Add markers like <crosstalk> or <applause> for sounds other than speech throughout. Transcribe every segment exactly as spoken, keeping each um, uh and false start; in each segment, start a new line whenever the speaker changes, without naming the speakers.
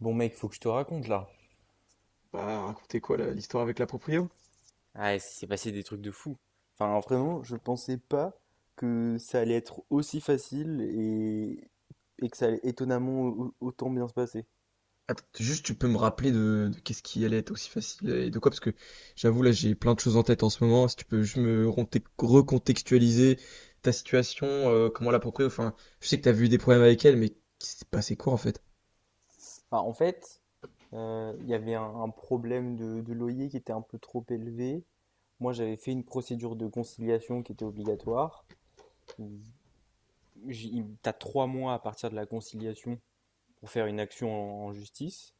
Bon mec, faut que je te raconte là.
Bah, racontez quoi là, l'histoire avec la proprio?
Ah, il s'est passé des trucs de fou. Enfin, vraiment, je sais pas que et que ça allait et où- où bien se passer.
Attends, juste tu peux me rappeler de, de qu'est-ce qui allait être aussi facile et de quoi, parce que j'avoue là j'ai plein de choses en tête en ce moment, si tu peux juste me ronte- recontextualiser ta situation, euh, comment la proprio, enfin je sais que t'as vu des problèmes avec elle, mais qui s'est passé quoi en fait?
Enfin, en fait, euh, il y avait un, un problème de, de loyer qui était un peu trop élevé. Moi, j'avais fait une procédure de conciliation qui était obligatoire. Il- j'ai- il- T'as trois mois à partir de la conciliation pour faire une action en, en justice,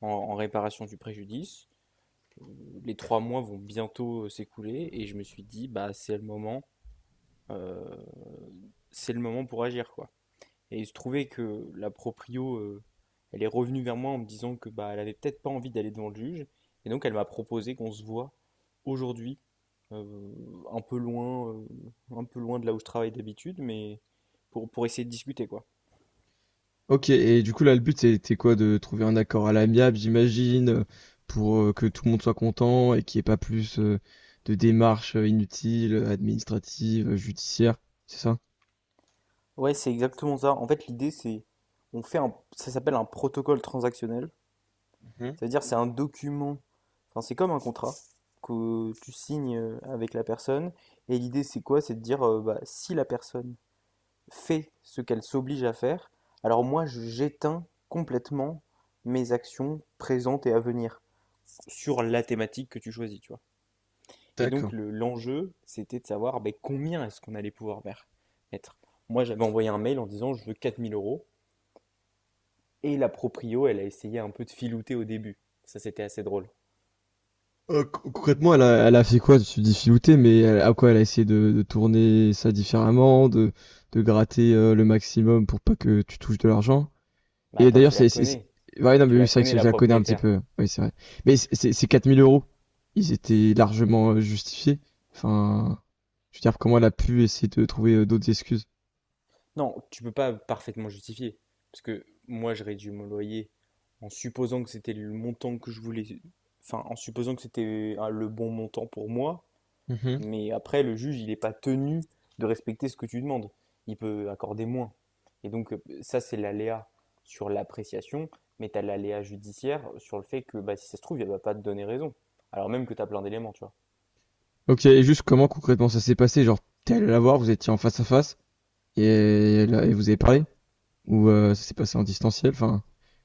en, en réparation du préjudice. Euh, Les trois mois vont bientôt euh, s'écouler et je me suis dit, bah, c'est le moment, euh, c'est le moment pour agir, quoi. Et il se trouvait que la proprio, heu, elle est revenue vers moi en me disant que, bah, elle avait peut-être pas envie d'aller devant le juge. Et donc elle m'a proposé qu'on se voit aujourd'hui, heu, un peu loin, heu, un peu loin de là où je travaille d'habitude, mais pour, pour essayer de discuter, quoi.
Ok, et du coup là le but c'était quoi, de trouver un accord à l'amiable, j'imagine, euh, pour euh, que tout le monde soit content et qu'il n'y ait pas plus euh, de démarches euh, inutiles, euh, administratives, euh, judiciaires, c'est ça?
Ouais, c'est exactement ça. En fait, l'idée, c'est, on fait un, ça s'appelle un protocole transactionnel. Ça veut dire, c'est un document, enfin, c'est comme un contrat que tu signes euh, avec la personne. Et l'idée, c'est quoi? C'est de dire, euh, bah, si la personne fait ce qu'elle s'oblige à faire, alors moi j'éteins complètement mes actions présentes et à venir sur la thématique que tu choisis, tu vois. Et
Mhm.
donc le- l'enjeu, c'était de savoir ben, combien est-ce qu'on allait pouvoir mer- mettre. Moi j'avais envoyé un mail en disant je veux quatre mille euros, et la proprio, elle a essayé un peu de filouter au début. Ça c'était assez drôle.
Euh, co- concrètement, elle a, elle a fait quoi? Tu dis filouter, mais elle- à quoi elle a essayé de, de tourner ça différemment, de, de gratter euh, le maximum pour pas que tu touches de l'argent.
Bah
Et
attends,
d'ailleurs,
tu la
c'est, c'est, c'est-
connais,
ouais, non,
tu
mais oui,
la
c'est vrai que
connais
je
la
je la connais un petit
propriétaire.
peu. Oui, c'est vrai. Mais c'est- c'est- ces quatre mille euros, ils étaient largement euh, justifiés. Enfin, je veux dire, comment elle a pu essayer de trouver euh, d'autres excuses?
Non, tu peux pas parfaitement justifier. Parce que moi, j'aurais dû mon loyer en supposant que c'était le montant que je voulais. Enfin, en supposant que c'était euh, le bon montant pour moi.
Mhm.
Mais après, le juge, il n'est pas tenu de respecter ce que tu demandes. Il peut accorder moins. Et donc, euh, ça, c'est l'aléa sur l'appréciation. Mais tu as l'aléa judiciaire sur le fait que bah, si ça se trouve, il ne va pas te donner raison. Alors même que tu as plein d'éléments, tu vois.
Ok, et juste comment concrètement ça s'est passé? Genre, t'es allé la voir, vous étiez en face à face, et, elle a- et vous avez parlé? Ou euh, ça s'est passé en distanciel. Enfin,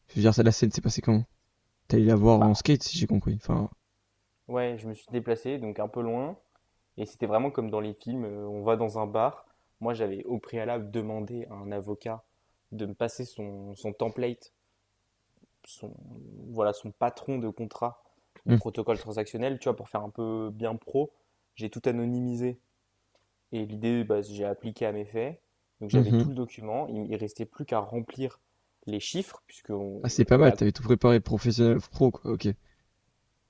je veux dire, ça, la scène s'est passée comment? T'es allé la voir en
Bah,
skate, si j'ai compris. Enfin,
ouais, je me suis déplacé, donc un peu loin. Et c'était vraiment comme dans les films, euh, on va dans un bar. Moi, j'avais au préalable demandé à un avocat de me passer son, son template, son, voilà, son patron de contrat de
hum,
protocole transactionnel, tu vois, pour faire un peu bien pro. J'ai tout anonymisé. Et l'idée, bah, j'ai appliqué à mes faits. Donc
hum,
j'avais tout
hum.
le document. Il, il restait plus qu'à remplir les chiffres, puisque
Ah,
on-
c'est pas mal,
la...
t'avais tout préparé, professionnel, pro, quoi, ok.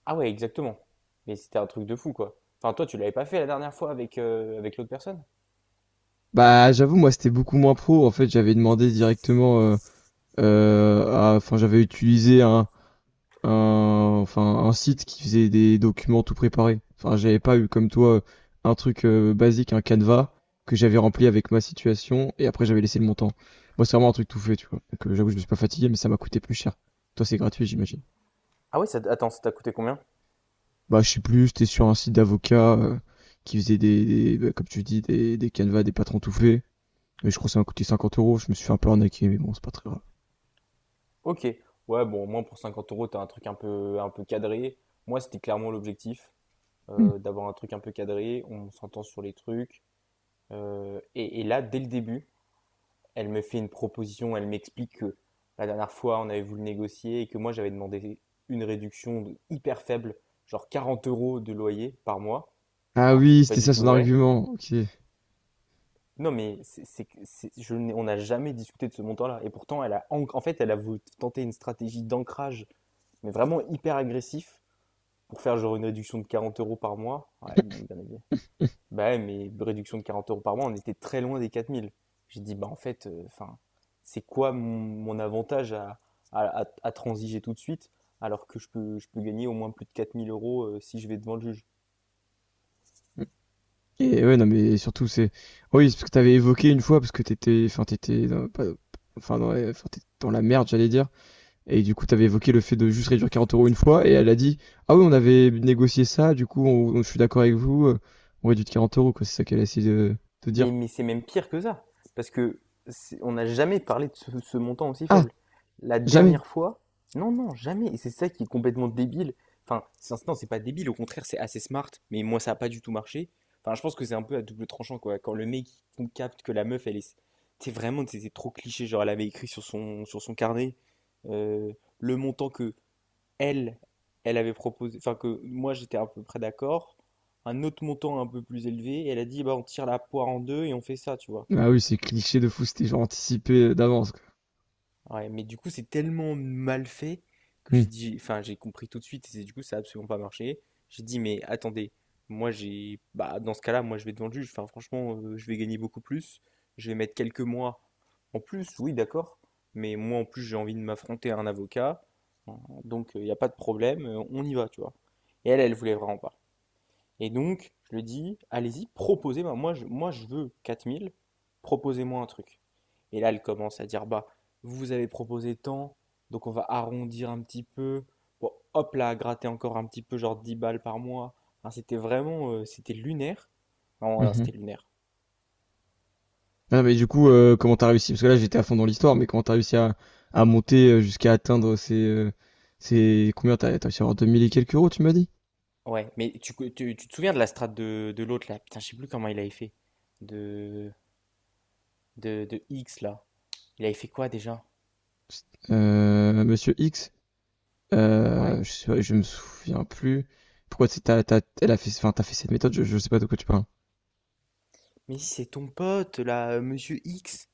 Ah ouais, exactement. Mais c'était un truc de fou, quoi. Enfin, toi, tu l'avais pas fait la dernière fois avec, euh, avec l'autre personne?
Bah, j'avoue, moi, c'était beaucoup moins pro. En fait, j'avais demandé directement. euh, euh, à- Enfin, j'avais utilisé un, un, enfin, un site qui faisait des documents tout préparés. Enfin, j'avais pas eu comme toi un truc euh, basique, un Canva que j'avais rempli avec ma situation et après j'avais laissé le montant. Moi, c'est vraiment un truc tout fait, tu vois. Donc, euh, j'avoue, je me suis pas fatigué, mais ça m'a coûté plus cher. Toi, c'est gratuit, j'imagine.
Ah ouais, ça, attends, ça t'a coûté combien?
Bah, je sais plus, j'étais sur un site d'avocats euh, qui faisait des, des- bah, comme tu dis, des, des canevas, des patrons tout faits. Mais je crois que ça m'a coûté cinquante euros. Je me suis fait un peu arnaquer, mais bon, c'est pas très grave.
Ok, ouais, bon, au moins pour cinquante euros, t'as un truc un peu, un peu cadré. Moi, c'était clairement l'objectif,
Hmm.
euh, d'avoir un truc un peu cadré. On s'entend sur les trucs. Euh, et, et là, dès le début, elle me fait une proposition. Elle m'explique que la dernière fois, on avait voulu négocier et que moi, j'avais demandé une réduction de- hyper faible, genre quarante euros de loyer par mois,
Ah
alors que c'était
oui,
pas
c'était
du
ça
tout
son
vrai.
argument. Ok.
Non, mais c'est, c'est, que- c'est- je n'ai- on n'a jamais discuté de ce montant-là. Et pourtant, elle a, en en fait, elle a voulu tenter une stratégie d'ancrage, mais vraiment hyper agressif pour faire genre une réduction de quarante euros par mois. Ouais, bon, bien évidemment.
<laughs>
Bah ouais, mais réduction de quarante euros par mois, on était très loin des quatre mille. J'ai dit, bah en fait, euh, enfin, c'est quoi mon, mon avantage à, à, à- à transiger tout de suite alors que je peux, je peux gagner au moins plus de quatre mille euros euh, si je vais devant le juge.
Et ouais, non, mais surtout, c'est. Oh Oui, c'est parce que t'avais évoqué une fois, parce que t'étais. Enfin, t'étais. Dans- pas- Enfin, dans, la- enfin, t'étais dans la merde, j'allais dire. Et du coup, t'avais évoqué le fait de juste réduire quarante euros une fois, et elle a dit: Ah oui, on avait négocié ça, du coup, on- on- je suis d'accord avec vous, euh, on réduit de quarante euros, quoi. C'est ça qu'elle a essayé de, de
Mais,
dire.
mais c'est même pire que ça, parce que c'est- on n'a jamais parlé de ce, ce montant aussi
Ah,
faible. La
jamais!
dernière fois, non, non, jamais. Et c'est ça qui est complètement débile. Enfin, c'est- non, c'est pas débile, au contraire, c'est assez smart. Mais moi, ça a pas du tout marché. Enfin, je pense que c'est un peu à double tranchant, quoi. Quand le mec il capte que la meuf, elle est, c'est vraiment, c'est c'est trop cliché. Genre, elle avait écrit sur son, sur son carnet euh, le montant que elle, elle avait proposé, enfin que moi j'étais à peu près d'accord, un autre montant un peu plus élevé, et elle a dit bah on tire la poire en deux et on fait ça, tu vois.
Ah oui, c'est cliché de fou, c'était genre anticipé d'avance, quoi.
Ouais, mais du coup c'est tellement mal fait que j'ai
Hmm.
dit, enfin j'ai compris tout de suite et c'est- du coup ça a absolument pas marché. J'ai dit mais attendez, moi j'ai, bah dans ce cas-là moi je vais devant le juge, enfin franchement euh, je vais gagner beaucoup plus, je vais mettre quelques mois en plus, oui d'accord, mais moi en plus j'ai envie de m'affronter à un avocat, hein, donc il n'y a pas de problème, euh, on y va, tu vois. Et elle, elle voulait vraiment pas. Et donc, je lui dis, allez-y, proposez-moi. Moi, je, moi, je veux quatre mille. Proposez-moi un truc. Et là, elle commence à dire, bah, vous avez proposé tant, donc on va arrondir un petit peu. Bon, hop là, gratter encore un petit peu, genre dix balles par mois. Enfin, c'était vraiment, euh, c'était lunaire. Non, non,
Mhm.
c'était lunaire.
Ah, mais du coup, euh, comment t'as réussi? Parce que là, j'étais à fond dans l'histoire, mais comment t'as réussi à, à monter euh, jusqu'à atteindre ces, euh, ces, combien t'as, t'as réussi à avoir deux mille et quelques euros, tu m'as dit?
Ouais, mais tu, tu, tu te souviens de la strate de, de l'autre là? Putain, je sais plus comment il avait fait. De, de, de X là. Il avait fait quoi déjà?
Euh, Monsieur X,
Ouais.
euh, je sais pas, je me souviens plus. Pourquoi c'est, t'as, t'as, elle a fait, enfin, t'as fait cette méthode, je, je sais pas de quoi tu parles.
Mais si, c'est ton pote, là, euh, Monsieur X.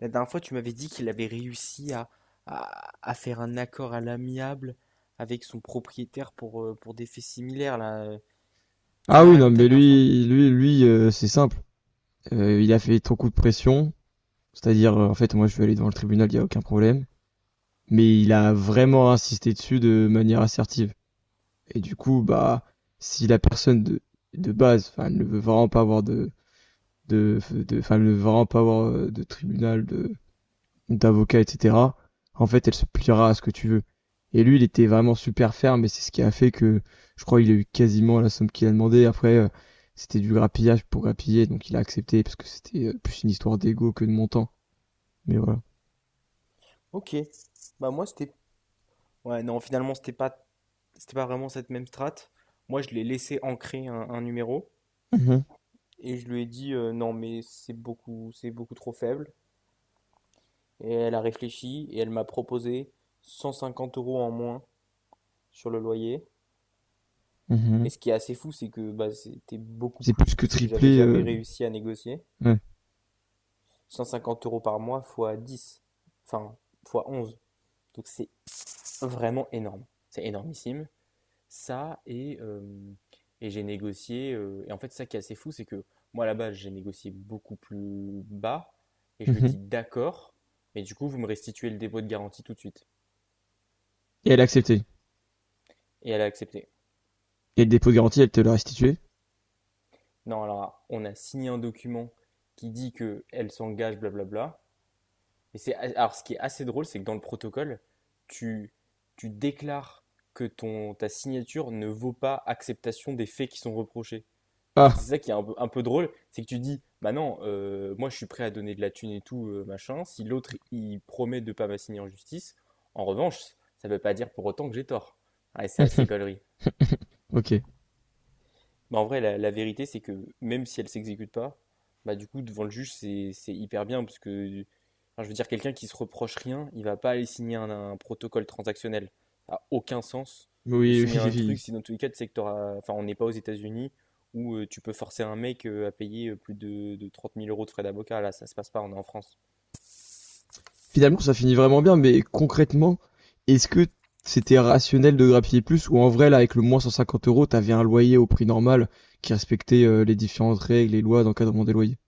La dernière fois, tu m'avais dit qu'il avait réussi à, à, à faire un accord à l'amiable avec son propriétaire pour, euh, pour des faits similaires, là. Euh. Tu
Ah
m'avais
oui, non,
raconté la
mais
dernière fois.
lui, lui, lui, euh, c'est simple. Euh, il a fait trop coup de pression. C'est-à-dire, euh, en fait, moi, je vais aller devant le tribunal, il y a aucun problème. Mais il a vraiment insisté dessus de manière assertive. Et du coup, bah, si la personne de, de base, enfin, elle ne veut vraiment pas avoir de, de, de, enfin, elle ne veut vraiment pas avoir euh, de tribunal, de, d'avocat, et cetera, en fait, elle se pliera à ce que tu veux. Et lui, il était vraiment super ferme, et c'est ce qui a fait que, je crois, il a eu quasiment la somme qu'il a demandé. Après, euh, c'était du grappillage pour grappiller, donc il a accepté, parce que c'était euh, plus une histoire d'ego que de montant. Mais voilà.
Ok. Bah moi, c'était... Ouais, non, finalement, c'était pas, c'était pas vraiment cette même strate. Moi, je l'ai laissé ancrer un, un numéro
Mhm,
et je lui ai dit euh, non, mais c'est beaucoup, c'est beaucoup trop faible. Et elle a réfléchi et elle m'a proposé cent cinquante euros en moins sur le loyer. Et
mhm.
ce qui est assez fou, c'est que bah, c'était beaucoup
C'est plus
plus
que
que ce que j'avais
triplé,
jamais
euh,
réussi à négocier.
ouais.
cent cinquante euros par mois fois dix, enfin fois onze. Donc c'est vraiment énorme. C'est énormissime. Ça, et, euh, et j'ai négocié. euh, et en fait, ça qui est assez fou, c'est que moi, à la base, j'ai négocié beaucoup plus bas. Et je lui ai
Mhm.
dit d'accord, mais du coup, vous me restituez le dépôt de garantie tout de suite.
Et elle a accepté.
Et elle a accepté.
Et le dépôt de garantie, elle te l'a restitué.
Non, alors, on a signé un document qui dit qu'elle s'engage, blablabla. Mais c'est alors ce qui est assez drôle, c'est que dans le protocole, tu tu déclares que ton ta signature ne vaut pas acceptation des faits qui sont reprochés. En fait, c'est
Ah.
ça qui est un peu, un peu drôle, c'est que tu dis, bah non, euh, moi je suis prêt à donner de la thune et tout, euh, machin. Si l'autre il promet de pas m'assigner en justice, en revanche, ça veut pas dire pour autant que j'ai tort. Ouais, c'est assez
<laughs>
gaulerie.
OK.
Bah, en vrai, la, la vérité, c'est que même si elle s'exécute pas, bah, du coup, devant le juge, c'est c'est hyper bien parce que, enfin, je veux dire, quelqu'un qui se reproche rien, il va pas aller signer un, un protocole transactionnel. Ça a aucun sens de
Oui,
signer
oui,
un truc
oui.
si dans tous les cas, tu sais que t'auras- enfin, on n'est pas aux États-Unis où euh, tu peux forcer un mec euh, à payer euh, plus de, de trente mille euros de frais d'avocat. Là, ça se passe pas, on est en France.
Finalement, ça finit vraiment bien, mais concrètement, est-ce que c'était rationnel de grappiller plus, ou en vrai, là, avec le moins cent cinquante €, tu avais un loyer au prix normal qui respectait, heu, les différentes règles et lois d'encadrement des loyers?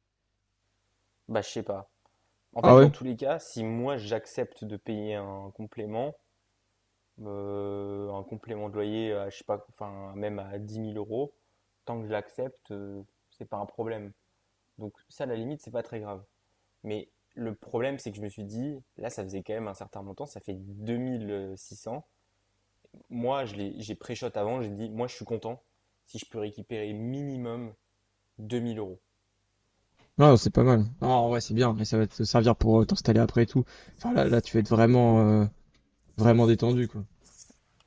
Bah, je sais pas. En
Ah
fait, dans
ouais?
tous les cas, si moi j'accepte de payer un complément, Euh, un complément de loyer à, je sais pas, enfin, même à dix mille euros, tant que je l'accepte, euh, c'est pas un problème. Donc ça, à la limite, c'est pas très grave. Mais le problème, c'est que je me suis dit, là, ça faisait quand même un certain montant, ça fait deux mille six cents. Moi, je l'ai- j'ai pré-shot avant, j'ai dit, moi, je suis content si je peux récupérer minimum deux mille euros.
Non, c'est pas mal. Ah, en vrai, c'est bien et ça va te servir pour, heu, t'installer après et tout. Enfin, là là, tu vas être vraiment, heu, vraiment détendu, quoi.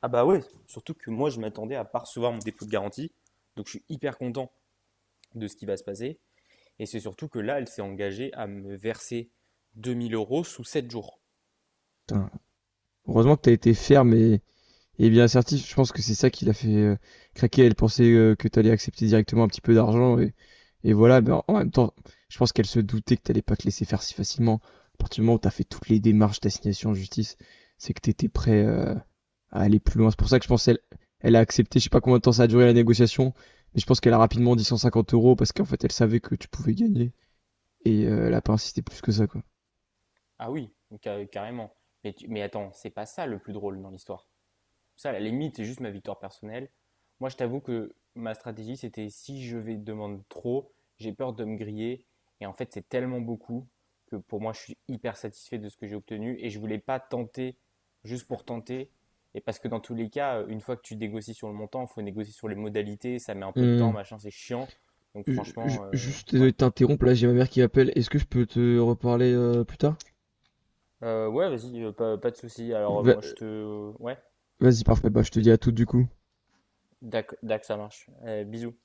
Ah bah ouais, surtout que moi, je m'attendais à pas recevoir mon dépôt de garantie, donc je suis hyper content de ce qui va se passer. Et c'est surtout que là, elle s'est engagée à me verser deux mille euros sous sept jours.
Putain, heureusement que t'as été ferme et Et bien assertif, je pense que c'est ça qui l'a fait euh, craquer. Elle pensait euh, que t'allais accepter directement un petit peu d'argent et, et voilà. Mais en en même temps, je pense qu'elle se doutait que t'allais pas te laisser faire si facilement. À partir du moment où t'as fait toutes les démarches d'assignation en justice, c'est que t'étais prêt euh, à aller plus loin. C'est pour ça que je pense qu'elle elle a accepté. Je sais pas combien de temps ça a duré la négociation, mais je pense qu'elle a rapidement dit cent cinquante euros parce qu'en fait elle savait que tu pouvais gagner et euh, elle a pas insisté plus que ça quoi.
Ah oui, carrément. Mais, tu- mais attends, c'est pas ça le plus drôle dans l'histoire. Ça, à la limite, c'est juste ma victoire personnelle. Moi, je t'avoue que ma stratégie, c'était si je vais demander trop, j'ai peur de me griller. Et en fait, c'est tellement beaucoup que pour moi, je suis hyper satisfait de ce que j'ai obtenu. Et je voulais pas tenter juste pour tenter. Et parce que dans tous les cas, une fois que tu négocies sur le montant, il faut négocier sur les modalités. Ça met un peu de temps,
Hum.
machin, c'est chiant. Donc
Je- je-
franchement, euh,
Juste
ouais.
désolé de t'interrompre, là j'ai ma mère qui m'appelle. Est-ce que je peux te reparler euh, plus tard?
Euh, ouais, vas-y, euh, pas, pas de souci. Alors euh, moi, je
Va-
te... Ouais,
Vas-y, parfait, bah je te dis à tout du coup.
d'ac, d'ac, ça marche. Euh, bisous.